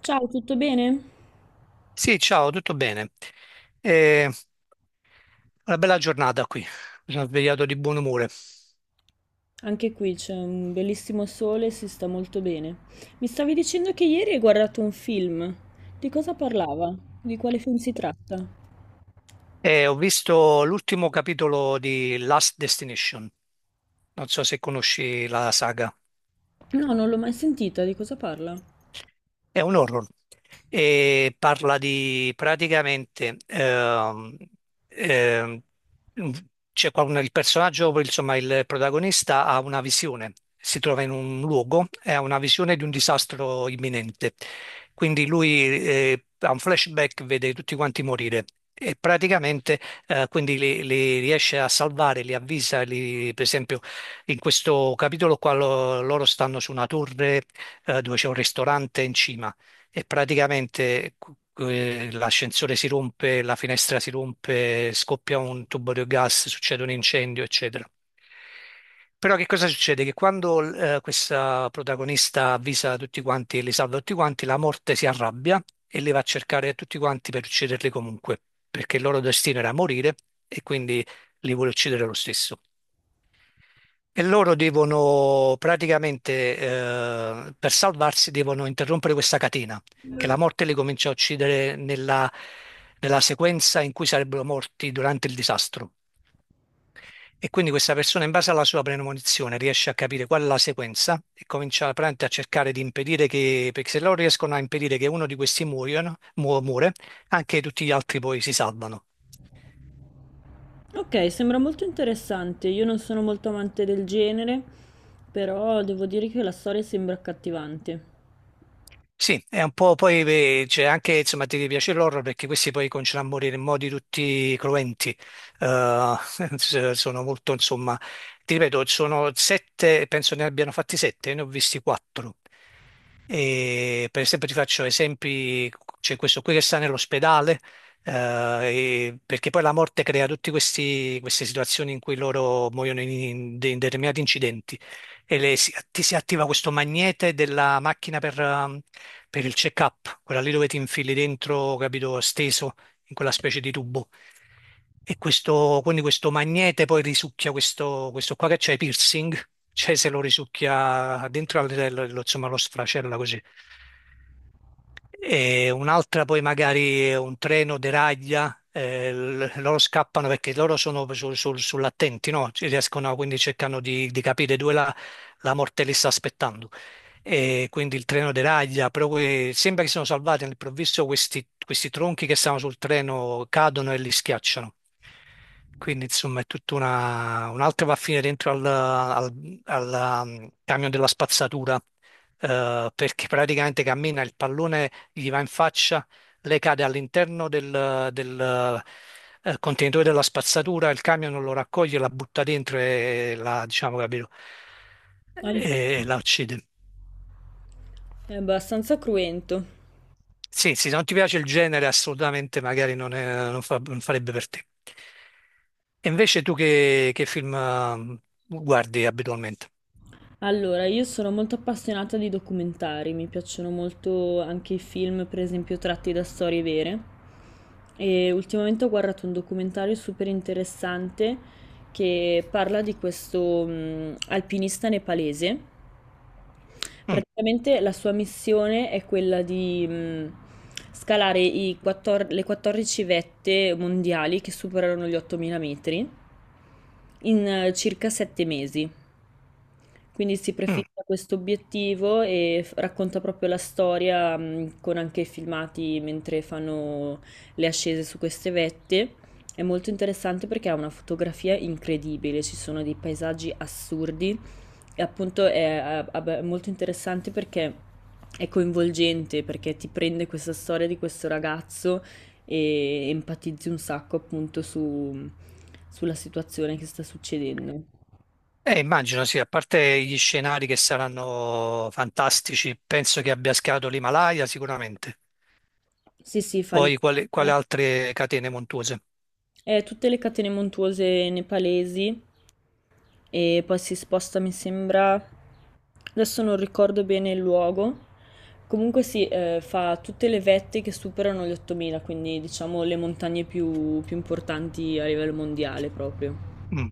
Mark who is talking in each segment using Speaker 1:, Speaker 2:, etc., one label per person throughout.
Speaker 1: Ciao, tutto bene?
Speaker 2: Sì, ciao, tutto bene. Eh, una bella giornata qui. Mi sono svegliato di buon umore.
Speaker 1: Anche qui c'è un bellissimo sole e si sta molto bene. Mi stavi dicendo che ieri hai guardato un film. Di cosa parlava? Di quale film si tratta?
Speaker 2: E ho visto l'ultimo capitolo di Last Destination. Non so se conosci la saga.
Speaker 1: No, non l'ho mai sentita, di cosa parla?
Speaker 2: È un horror e parla di praticamente ehm, c'è qua il personaggio, insomma il protagonista ha una visione, si trova in un luogo e ha una visione di un disastro imminente. Quindi lui ha un flashback, vede tutti quanti morire. E praticamente quindi li riesce a salvare, li avvisa, per esempio in questo capitolo qua loro stanno su una torre, dove c'è un ristorante in cima e praticamente l'ascensore si rompe, la finestra si rompe, scoppia un tubo di gas, succede un incendio, eccetera. Però che cosa succede? Che quando questa protagonista avvisa tutti quanti e li salva tutti quanti, la morte si arrabbia e li va a cercare tutti quanti per ucciderli comunque, perché il loro destino era morire e quindi li vuole uccidere lo stesso. E loro devono praticamente, per salvarsi, devono interrompere questa catena, che la morte li comincia a uccidere nella sequenza in cui sarebbero morti durante il disastro. E quindi questa persona, in base alla sua premonizione, riesce a capire qual è la sequenza e comincia praticamente a cercare di impedire che, perché se loro riescono a impedire che uno di questi muoiono, muore, anche tutti gli altri poi si salvano.
Speaker 1: Ok, sembra molto interessante. Io non sono molto amante del genere, però devo dire che la storia sembra accattivante.
Speaker 2: Sì, è un po' poi beh, c'è anche, insomma, ti piace l'horror perché questi poi cominciano a morire in modi tutti cruenti. Eh, sono molto, insomma, ti ripeto, sono sette, penso ne abbiano fatti sette, ne ho visti quattro, e per esempio ti faccio esempi, c'è questo qui che sta nell'ospedale, eh, perché poi la morte crea tutte queste situazioni in cui loro muoiono in in determinati incidenti e ti si attiva questo magnete della macchina per il check-up, quella lì dove ti infili dentro, capito, steso in quella specie di tubo. E quindi questo magnete poi risucchia questo qua che c'è, piercing, cioè se lo risucchia dentro, lo, insomma, lo sfracella così. E un'altra poi magari è un treno deraglia, loro scappano perché loro sono sull'attenti, no? Ci riescono, quindi cercano di capire dove la, la morte li sta aspettando. E quindi il treno deraglia, però sembra che siano salvati all'improvviso questi, questi tronchi che stavano sul treno cadono e li schiacciano. Quindi insomma è tutta una... un'altra va a finire dentro al camion della spazzatura, perché praticamente cammina, il pallone gli va in faccia, lei cade all'interno del contenitore della spazzatura, il camion non lo raccoglie, la butta dentro e la, diciamo, capito,
Speaker 1: Ah,
Speaker 2: e la uccide.
Speaker 1: è abbastanza cruento.
Speaker 2: Sì, sì, se non ti piace il genere, assolutamente magari non, non farebbe per te. E invece tu che film guardi abitualmente?
Speaker 1: Allora, io sono molto appassionata di documentari, mi piacciono molto anche i film, per esempio, tratti da storie vere. E ultimamente ho guardato un documentario super interessante che parla di questo alpinista nepalese.
Speaker 2: Mm,
Speaker 1: Praticamente la sua missione è quella di scalare i 14 le 14 vette mondiali che superano gli 8000 metri in circa 7 mesi. Quindi si
Speaker 2: mm.
Speaker 1: prefissa questo obiettivo e racconta proprio la storia, con anche filmati mentre fanno le ascese su queste vette. È molto interessante perché ha una fotografia incredibile, ci sono dei paesaggi assurdi e appunto vabbè, è molto interessante perché è coinvolgente, perché ti prende questa storia di questo ragazzo e empatizzi un sacco appunto sulla situazione che sta succedendo.
Speaker 2: Immagino sì, a parte gli scenari che saranno fantastici, penso che abbia schierato l'Himalaya sicuramente,
Speaker 1: Sì, sì, fa
Speaker 2: poi quali, quali
Speaker 1: l'impresa.
Speaker 2: altre catene montuose.
Speaker 1: Tutte le catene montuose nepalesi e poi si sposta, mi sembra, adesso non ricordo bene il luogo. Comunque si fa tutte le vette che superano gli 8000, quindi diciamo le montagne più importanti a livello mondiale proprio.
Speaker 2: Mm.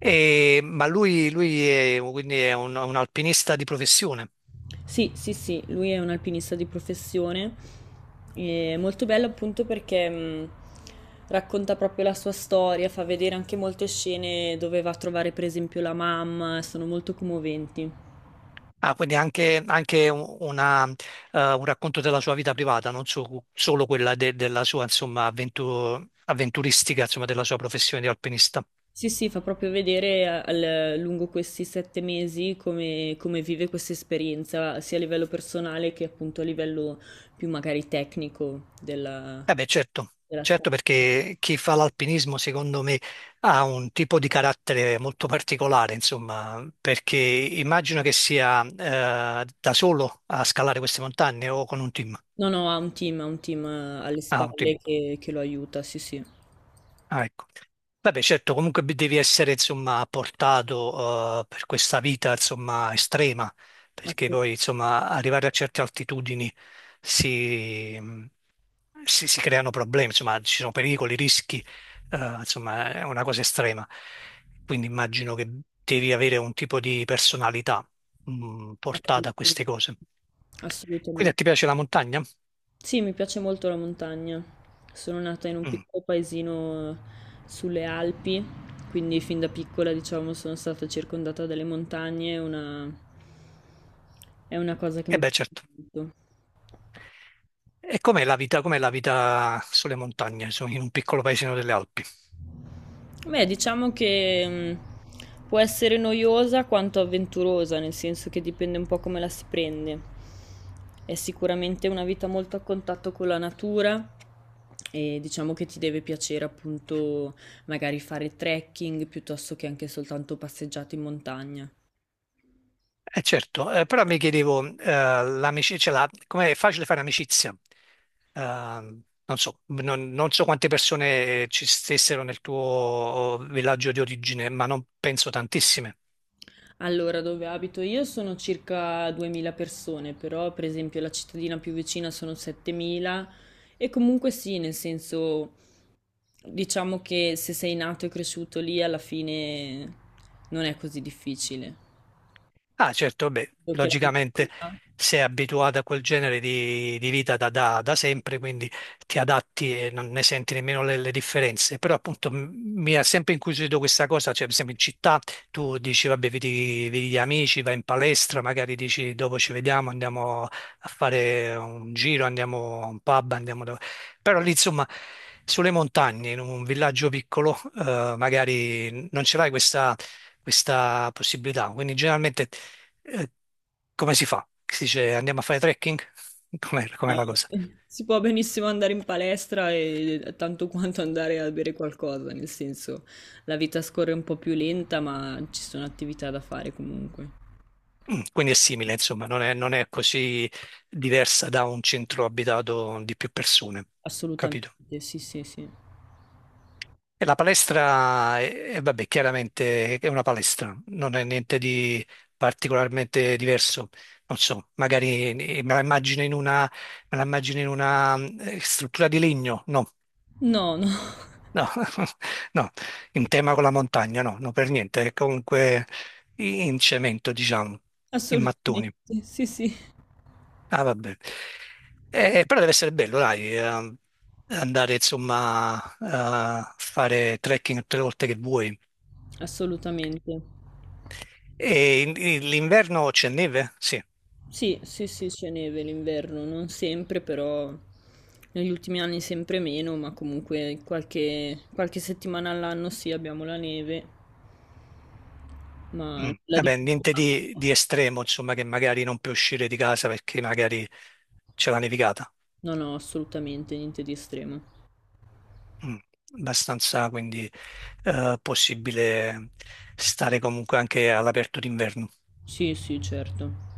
Speaker 2: Ma lui è, quindi è un alpinista di professione.
Speaker 1: Sì, sì, sì, lui è un alpinista di professione. È molto bello appunto perché racconta proprio la sua storia, fa vedere anche molte scene dove va a trovare per esempio la mamma, sono molto commoventi.
Speaker 2: Ah, quindi anche, anche una, un racconto della sua vita privata, non so- solo quella della sua insomma, avventuristica, insomma, della sua professione di alpinista.
Speaker 1: Sì, sì, fa proprio vedere lungo questi 7 mesi come, come vive questa esperienza, sia a livello personale che appunto a livello più magari tecnico della,
Speaker 2: Eh beh, certo,
Speaker 1: della scalata.
Speaker 2: certo perché chi fa l'alpinismo secondo me ha un tipo di carattere molto particolare, insomma, perché immagino che sia da solo a scalare queste montagne o con un team.
Speaker 1: No, no, ha un team alle
Speaker 2: Ah, un team.
Speaker 1: spalle che lo aiuta, sì, sì.
Speaker 2: Ah, ecco. Vabbè, certo, comunque devi essere, insomma, portato, per questa vita, insomma, estrema, perché
Speaker 1: Assu-
Speaker 2: poi, insomma, arrivare a certe altitudini si, si creano problemi, insomma, ci sono pericoli, rischi, insomma, è una cosa estrema. Quindi immagino che devi avere un tipo di personalità, mm, portata a queste
Speaker 1: Assolutamente.
Speaker 2: cose. Quindi a
Speaker 1: Assolutamente.
Speaker 2: te piace la montagna?
Speaker 1: Sì, mi piace molto la montagna. Sono nata in un
Speaker 2: Mm.
Speaker 1: piccolo paesino sulle Alpi, quindi fin da piccola, diciamo, sono stata circondata dalle montagne, è una cosa che
Speaker 2: Eh
Speaker 1: mi
Speaker 2: beh,
Speaker 1: piace
Speaker 2: certo.
Speaker 1: molto.
Speaker 2: E com'è la vita sulle montagne, in un piccolo paesino delle Alpi?
Speaker 1: Beh, diciamo che può essere noiosa quanto avventurosa, nel senso che dipende un po' come la si prende. È sicuramente una vita molto a contatto con la natura e diciamo che ti deve piacere appunto magari fare trekking piuttosto che anche soltanto passeggiate in montagna.
Speaker 2: Eh certo, però mi chiedevo, l'amicizia, cioè com'è facile fare amicizia? Eh, non so, non so quante persone ci stessero nel tuo villaggio di origine, ma non penso tantissime.
Speaker 1: Allora, dove abito io sono circa 2000 persone, però per esempio la cittadina più vicina sono 7000 e comunque sì, nel senso diciamo che se sei nato e cresciuto lì, alla fine non è così difficile.
Speaker 2: Ah, certo, beh,
Speaker 1: Solo che la
Speaker 2: logicamente
Speaker 1: mentalità-
Speaker 2: sei abituato a quel genere di vita da sempre, quindi ti adatti e non ne senti nemmeno le differenze. Però appunto mi ha sempre incuriosito questa cosa, cioè per esempio in città tu dici vabbè, vedi gli amici, vai in palestra, magari dici dopo ci vediamo, andiamo a fare un giro, andiamo a un pub, andiamo dove... Però lì insomma sulle montagne, in un villaggio piccolo, magari non ce l'hai questa possibilità. Quindi generalmente eh, come si fa? Si dice andiamo a fare trekking? Com'è, com'è
Speaker 1: No.
Speaker 2: la cosa?
Speaker 1: Si può benissimo andare in palestra e tanto quanto andare a bere qualcosa, nel senso la vita scorre un po' più lenta, ma ci sono attività da fare comunque.
Speaker 2: Mm, quindi è simile, insomma, non è così diversa da un centro abitato di più persone,
Speaker 1: Assolutamente,
Speaker 2: capito?
Speaker 1: sì, sì, sì.
Speaker 2: E la palestra, vabbè, chiaramente è una palestra, non è niente di particolarmente diverso. Non so, magari me la immagino in una mm, struttura di legno, no.
Speaker 1: No, no,
Speaker 2: No, no, in tema con la montagna, no, no, per niente, è comunque in cemento, diciamo, in
Speaker 1: assolutamente,
Speaker 2: mattoni.
Speaker 1: sì, sì,
Speaker 2: Ah, vabbè. Però deve essere bello, dai, andare, insomma, a fare trekking tutte le volte che vuoi.
Speaker 1: assolutamente.
Speaker 2: E l'inverno c'è neve? Sì.
Speaker 1: Sì, sì, sì, c'è neve l'inverno, non sempre, però negli ultimi anni sempre meno, ma comunque qualche settimana all'anno sì, abbiamo la neve, ma
Speaker 2: Mm.
Speaker 1: la di...
Speaker 2: Vabbè, niente di, di estremo, insomma, che magari non puoi uscire di casa perché magari c'è la nevicata.
Speaker 1: No, no, assolutamente niente di estremo.
Speaker 2: Mm, abbastanza, quindi possibile stare comunque anche all'aperto d'inverno.
Speaker 1: Sì, sì, certo.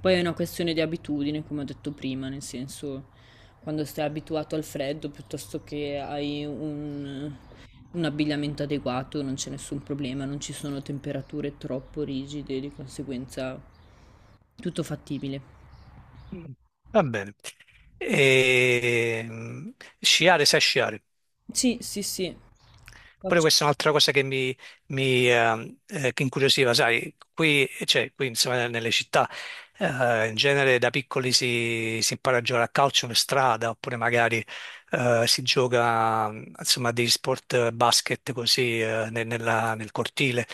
Speaker 1: Poi è una questione di abitudine, come ho detto prima, nel senso, quando stai abituato al freddo piuttosto che hai un abbigliamento adeguato, non c'è nessun problema, non ci sono temperature troppo rigide, di conseguenza tutto fattibile.
Speaker 2: Va bene. E, mm, sciare, sai sciare?
Speaker 1: Sì, sì, sì.
Speaker 2: Pure
Speaker 1: Faccio.
Speaker 2: questa è un'altra cosa che mi che incuriosiva, sai, qui, cioè, qui insomma, nelle città in genere da piccoli si impara a giocare a calcio in strada oppure magari si gioca insomma degli sport basket così nel cortile.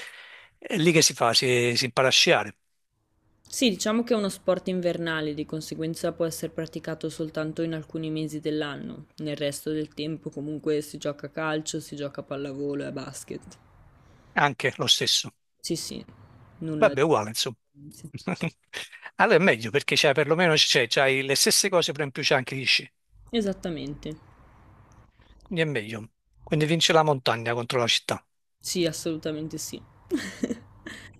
Speaker 2: È lì che si fa, si impara a sciare,
Speaker 1: Sì, diciamo che è uno sport invernale, di conseguenza può essere praticato soltanto in alcuni mesi dell'anno. Nel resto del tempo comunque si gioca a calcio, si gioca a pallavolo e a basket.
Speaker 2: anche lo stesso.
Speaker 1: Sì, sì, nulla di
Speaker 2: Vabbè, uguale insomma.
Speaker 1: differenza.
Speaker 2: Allora è meglio perché c'è perlomeno c'è, c'hai le stesse cose, però in più c'è anche gli sci.
Speaker 1: Esattamente.
Speaker 2: Quindi è meglio. Quindi vince la montagna contro la città.
Speaker 1: Sì, assolutamente sì.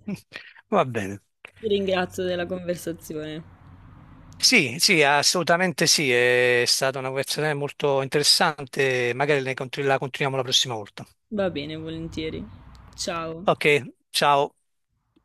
Speaker 2: Va bene.
Speaker 1: Ti ringrazio della conversazione.
Speaker 2: Sì, sì, assolutamente sì, è stata una conversazione molto interessante, magari la continuiamo la prossima volta.
Speaker 1: Va bene, volentieri. Ciao.
Speaker 2: Ok, ciao.